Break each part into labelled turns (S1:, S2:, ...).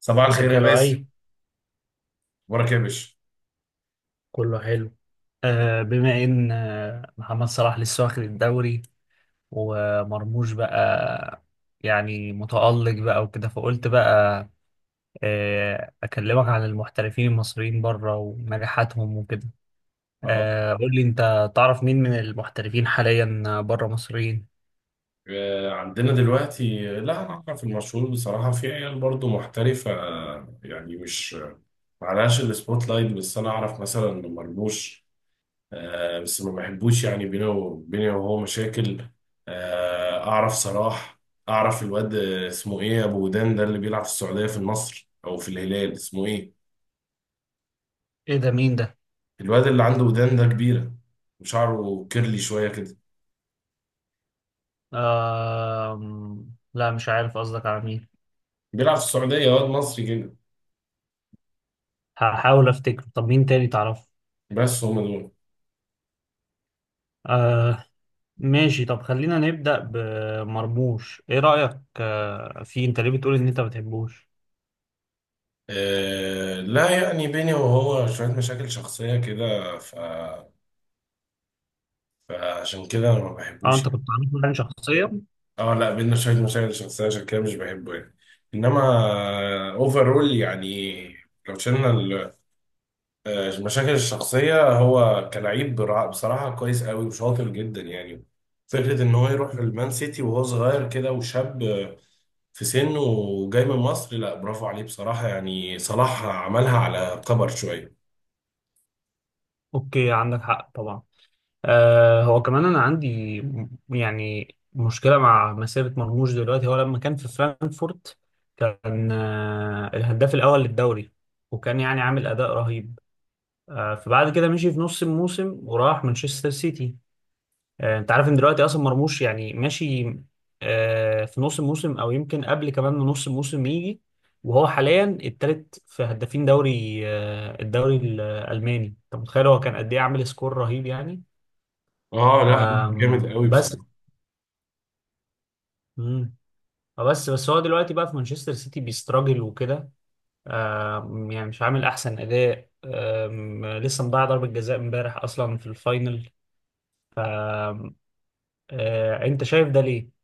S1: صباح الخير
S2: ازيك
S1: يا
S2: يا
S1: باسل.
S2: لؤي؟
S1: اخبارك يا باشا؟
S2: كله حلو. بما ان محمد صلاح لسه واخد الدوري، ومرموش بقى يعني متألق بقى وكده، فقلت بقى اكلمك عن المحترفين المصريين بره ونجاحاتهم وكده.
S1: اه.
S2: قول لي، انت تعرف مين من المحترفين حاليا بره مصريين؟
S1: عندنا دلوقتي، لا احنا في المشهور بصراحه في عيال برضو محترفه، يعني مش معلهاش السبوت لايت، بس انا اعرف مثلا مرموش. بس ما بحبوش، يعني بينه وبيني وهو مشاكل. اعرف صلاح. اعرف الواد اسمه ايه، ابو ودان ده اللي بيلعب في السعوديه في النصر او في الهلال، اسمه ايه؟
S2: ايه ده؟ مين ده؟
S1: الواد اللي عنده ودان ده كبيره، وشعره كيرلي شويه كده.
S2: آه، لا مش عارف قصدك على مين.
S1: بيلعب في السعوديه، واد مصري كده.
S2: هحاول افتكر. طب مين تاني تعرفه؟
S1: بس هم دول.
S2: آه، ماشي. طب خلينا نبدأ بمرموش. ايه رأيك آه، في انت ليه بتقول ان انت ما بتحبوش؟
S1: آه لا، يعني بيني وهو شوية مشاكل شخصية كده فعشان كده أنا ما
S2: اه،
S1: بحبوش
S2: انت
S1: يعني.
S2: كنت عامل يعني شخصيا؟
S1: اه لا، بينا شوية مشاكل شخصية، عشان كده مش بحبه يعني. إنما أوفرول يعني، لو شلنا المشاكل الشخصية، هو كلاعب بصراحة كويس قوي وشاطر جدا يعني. فكرة إن هو يروح المان سيتي وهو صغير كده وشاب، في سنه وجاي من مصر، لا برافو عليه بصراحة يعني. صلاح عملها على كبر شوية.
S2: اوكي، عندك حق طبعا. هو كمان انا عندي يعني مشكلة مع مسيرة مرموش. دلوقتي هو لما كان في فرانكفورت كان الهداف الأول للدوري، وكان يعني عامل أداء رهيب. فبعد كده مشي في نص الموسم وراح مانشستر سيتي. انت عارف ان دلوقتي اصلا مرموش يعني ماشي في نص الموسم، او يمكن قبل كمان من نص الموسم يجي، وهو حاليا التالت في هدافين دوري الدوري الالماني. انت متخيل هو كان قد ايه عامل سكور رهيب يعني.
S1: اه لا، جامد قوي
S2: بس
S1: بصراحه.
S2: مم. بس هو دلوقتي بقى في مانشستر سيتي بيستراجل وكده. يعني مش عامل احسن اداء. لسه مضيع ضربة جزاء امبارح اصلا في الفاينل. ف انت شايف ده ليه؟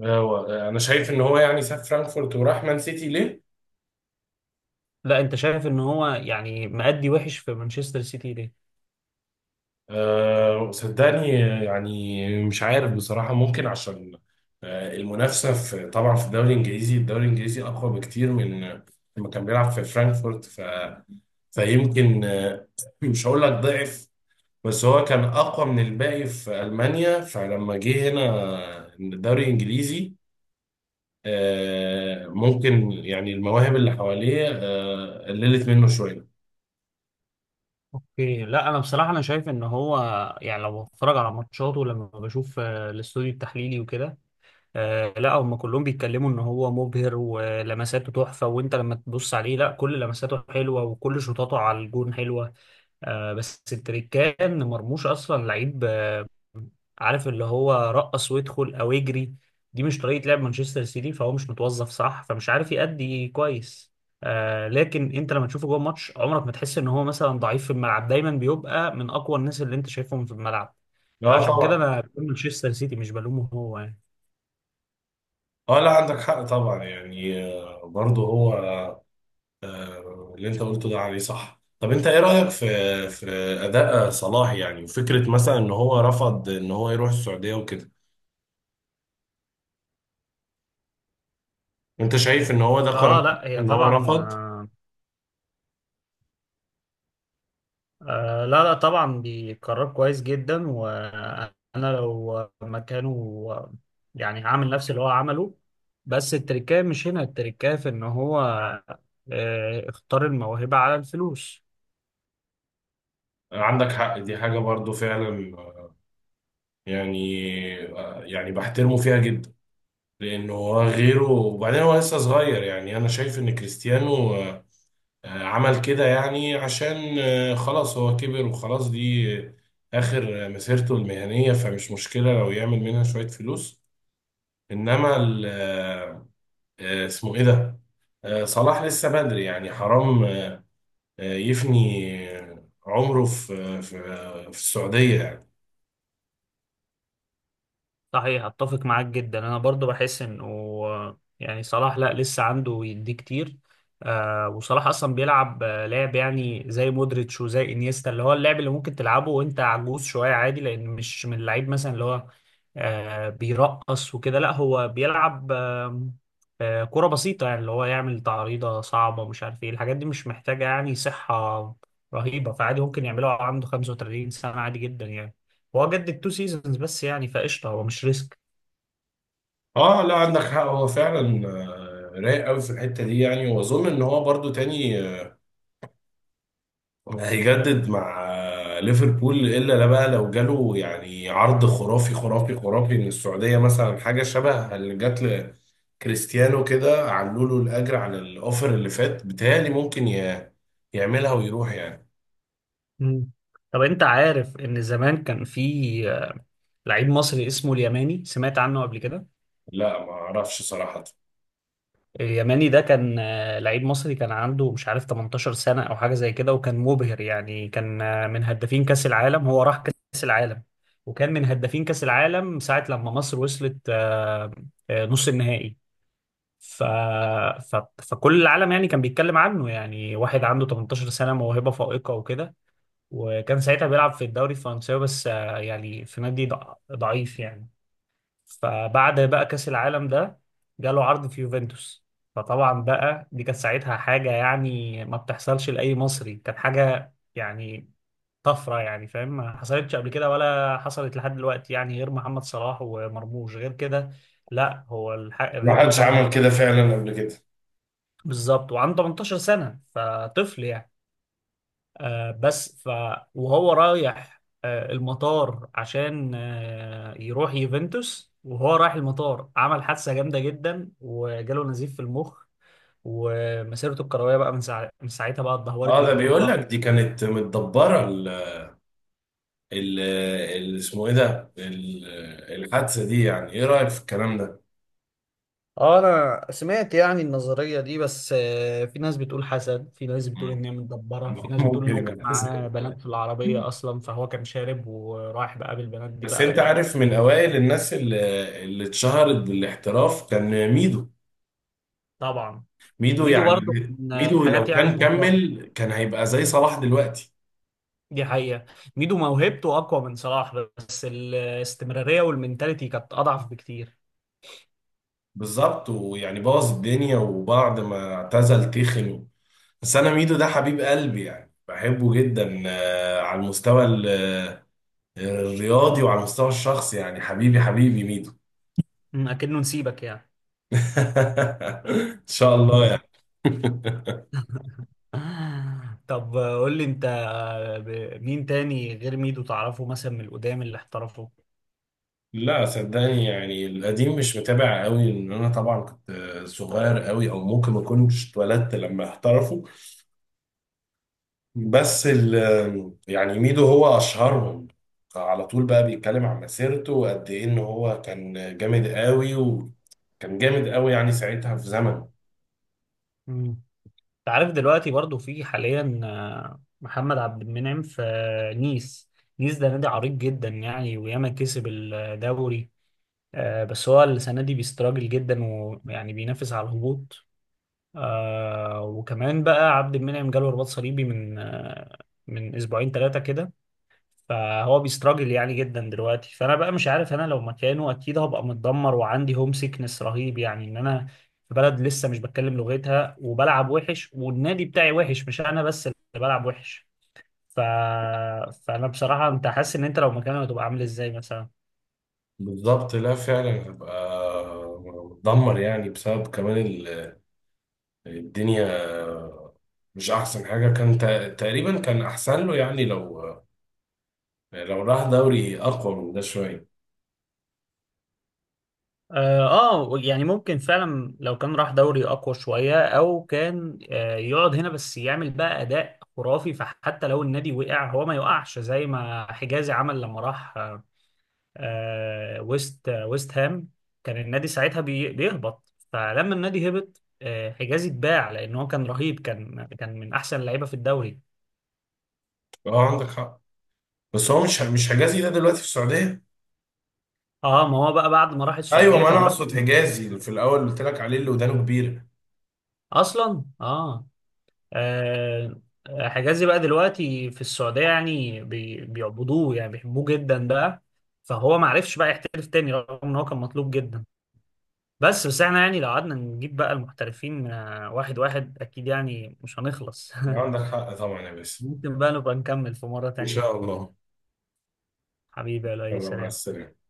S1: هو انا شايف ان هو يعني ساب فرانكفورت وراح مان سيتي ليه؟
S2: لا، انت شايف ان هو يعني مأدي وحش في مانشستر سيتي ليه؟
S1: وصدقني، يعني مش عارف بصراحة، ممكن عشان المنافسة في، طبعا في الدوري الانجليزي، الدوري الانجليزي اقوى بكتير من لما كان بيلعب في فرانكفورت. فيمكن مش هقول لك ضعف، بس هو كان اقوى من الباقي في المانيا، فلما جه هنا الدوري الانجليزي، ممكن يعني المواهب اللي حواليه قللت منه شوية.
S2: اوكي، لا انا بصراحه شايف ان هو يعني لو بتفرج على ماتشاته، لما بشوف الاستوديو التحليلي وكده، لا هم كلهم بيتكلموا ان هو مبهر ولمساته تحفه. وانت لما تبص عليه، لا كل لمساته حلوه وكل شوطاته على الجون حلوه. بس التريكان ان مرموش اصلا لعيب عارف اللي هو رقص ويدخل او يجري، دي مش طريقة لعب مانشستر سيتي، فهو مش متوظف صح فمش عارف يأدي كويس. لكن انت لما تشوفه جوه الماتش عمرك ما تحس ان هو مثلا ضعيف في الملعب، دايما بيبقى من اقوى الناس اللي انت شايفهم في الملعب.
S1: اه
S2: فعشان كده
S1: طبعا.
S2: انا بقول مانشستر سيتي مش بلومه، هو يعني.
S1: اه لا، عندك حق طبعا يعني. برضه هو اللي انت قلته ده عليه صح. طب انت ايه رأيك في في اداء صلاح يعني، وفكرة مثلا ان هو رفض ان هو يروح السعودية وكده؟ انت شايف ان هو ده
S2: اه
S1: قرار
S2: لا، هي
S1: ان هو
S2: طبعا
S1: رفض؟
S2: لا لا طبعا بيقرر كويس جدا. وانا لو مكانه يعني هعمل نفس اللي هو عمله. بس التركية مش هنا، التركية في ان هو اختار الموهبة على الفلوس.
S1: عندك حق، دي حاجة برضه فعلا يعني، يعني بحترمه فيها جدا. لانه هو غيره، وبعدين هو لسه صغير. يعني انا شايف ان كريستيانو عمل كده يعني عشان خلاص هو كبر وخلاص، دي آخر مسيرته المهنية، فمش مشكلة لو يعمل منها شوية فلوس. إنما اسمه إيه ده؟ صلاح لسه بدري يعني، حرام. يفني عمره في في السعودية يعني.
S2: صحيح، اتفق معاك جدا، انا برضو بحس انه يعني صلاح لا، لسه عنده يديه كتير. وصلاح اصلا بيلعب لعب يعني زي مودريتش وزي انيستا، اللي هو اللعب اللي ممكن تلعبه وانت عجوز شويه عادي، لان مش من اللعيب مثلا اللي هو بيرقص وكده، لا هو بيلعب كرة بسيطه يعني، اللي هو يعمل تعريضه صعبه، مش عارف ايه الحاجات دي، مش محتاجه يعني صحه رهيبه. فعادي ممكن يعملها وهو عنده 35 سنه عادي جدا يعني. هو جدد تو سيزونز بس يعني، فقشطه هو مش ريسك.
S1: آه لا، عندك حق، هو فعلا رايق قوي في الحتة دي يعني. وأظن إن هو برضو تاني هيجدد مع ليفربول، الا لا بقى لو جاله يعني عرض خرافي خرافي خرافي من السعوديه، مثلا حاجه شبه اللي جات لكريستيانو كده، علوا له الاجر على الاوفر اللي فات، بتهيألي ممكن يعملها ويروح يعني.
S2: مم. طب انت عارف ان زمان كان في لعيب مصري اسمه اليماني، سمعت عنه قبل كده؟
S1: لا ما اعرفش صراحه.
S2: اليماني ده كان لعيب مصري كان عنده مش عارف 18 سنة او حاجة زي كده، وكان مبهر يعني، كان من هدافين كأس العالم. هو راح كأس العالم وكان من هدافين كأس العالم ساعة لما مصر وصلت نص النهائي. ف... فكل العالم يعني كان بيتكلم عنه، يعني واحد عنده 18 سنة موهبة فائقة وكده، وكان ساعتها بيلعب في الدوري الفرنساوي بس يعني في نادي ضعيف يعني. فبعد بقى كأس العالم ده، جاله عرض في يوفنتوس. فطبعا بقى دي كانت ساعتها حاجة يعني ما بتحصلش لأي مصري، كانت حاجة يعني طفرة يعني، فاهم، ما حصلتش قبل كده ولا حصلت لحد دلوقتي يعني غير محمد صلاح ومرموش، غير كده لا. هو
S1: ما
S2: الريكورد
S1: حدش
S2: ده
S1: عمل كده فعلا قبل كده.
S2: بالظبط. وعنده 18 سنة، فطفل يعني. آه، بس ف وهو رايح المطار عشان يروح يوفنتوس، وهو رايح المطار عمل حادثة جامدة جدا وجاله نزيف في المخ. ومسيرته الكروية بقى من ساعتها بقى اتدهورت
S1: اه، ده
S2: جدا
S1: بيقول
S2: ولا.
S1: لك دي كانت متدبره اسمه ايه ده الحادثه دي، يعني ايه رايك في الكلام ده؟
S2: اه، انا سمعت يعني النظرية دي، بس في ناس بتقول حسد، في ناس بتقول
S1: مم.
S2: ان هي متدبرة، في ناس بتقول ان
S1: ممكن
S2: هو كان
S1: يبقى كذا.
S2: معاه بنات في العربية اصلا، فهو كان شارب ورايح بقى بالبنات دي
S1: بس انت
S2: بقى
S1: عارف من اوائل الناس اللي اتشهرت بالاحتراف كان ميدو.
S2: طبعا.
S1: ميدو
S2: ميدو
S1: يعني،
S2: برضه من
S1: ميدو
S2: الحاجات
S1: لو
S2: يعني
S1: كان
S2: المهدرة.
S1: كمل كان هيبقى زي صلاح دلوقتي.
S2: دي حقيقة. ميدو موهبته أقوى من صلاح، بس الاستمرارية والمنتاليتي كانت أضعف بكتير.
S1: بالظبط، ويعني بوظ الدنيا وبعد ما اعتزل تخن. بس انا ميدو ده حبيب قلبي يعني، بحبه جدا على المستوى الرياضي وعلى المستوى الشخصي يعني، حبيبي حبيبي ميدو.
S2: أكنه نسيبك يعني
S1: ان شاء الله يعني.
S2: طب قول لي أنت، مين تاني غير ميدو تعرفه مثلا من القدام اللي احترفه؟
S1: لا صدقني، يعني القديم مش متابع قوي، لان انا طبعا كنت صغير قوي، او ممكن ما كنتش اتولدت لما احترفوا. بس ال يعني ميدو هو اشهرهم على طول، بقى بيتكلم عن مسيرته وقد ايه ان هو كان جامد قوي، وكان جامد قوي يعني ساعتها في زمنه.
S2: مم. أنت عارف دلوقتي برضو في حاليا محمد عبد المنعم في نيس. نيس ده نادي عريق جدا يعني وياما كسب الدوري. بس هو السنة دي بيستراجل جدا، ويعني بينافس على الهبوط. وكمان بقى عبد المنعم جاله رباط صليبي من اسبوعين ثلاثه كده. فهو بيستراجل يعني جدا دلوقتي، فانا بقى مش عارف. انا لو مكانه اكيد هبقى متدمر وعندي هوم سيكنس رهيب، يعني ان انا في بلد لسه مش بتكلم لغتها، وبلعب وحش، والنادي بتاعي وحش، مش انا بس اللي بلعب وحش. ف... فانا بصراحه، انت حاسس ان انت لو مكانه هتبقى عامل ازاي مثلا؟
S1: بالظبط، لا فعلا هبقى متدمر، يعني بسبب كمان الدنيا، مش احسن حاجة. كان تقريبا كان احسن له يعني، لو راح دوري اقوى من ده شويه.
S2: اه، يعني ممكن فعلا لو كان راح دوري اقوى شويه، او كان يقعد هنا بس يعمل بقى اداء خرافي، فحتى لو النادي وقع هو ما يوقعش زي ما حجازي عمل لما راح ويست هام. كان النادي ساعتها بيهبط، فلما النادي هبط حجازي اتباع لان هو كان رهيب، كان من احسن اللعيبه في الدوري.
S1: اه عندك حق. بس هو مش حجازي ده دلوقتي في السعوديه؟
S2: اه، ما هو بقى بعد ما راح
S1: ايوه
S2: السعوديه
S1: ما انا
S2: كان راح
S1: اقصد حجازي اللي في الاول قلت لك عليه، اللي ودانه كبيره.
S2: اصلا. اه، آه، حجازي بقى دلوقتي في السعودية يعني بيعبدوه يعني بيحبوه جدا بقى. فهو ما عرفش بقى يحترف تاني رغم ان هو كان مطلوب جدا. بس احنا يعني لو قعدنا نجيب بقى المحترفين واحد واحد اكيد يعني مش هنخلص
S1: عندك حق طبعا يا باسم.
S2: ممكن بقى نبقى نكمل في مرة
S1: ان
S2: تانية.
S1: شاء الله.
S2: حبيبي يا لؤي،
S1: يلا مع
S2: سلام.
S1: السلامه.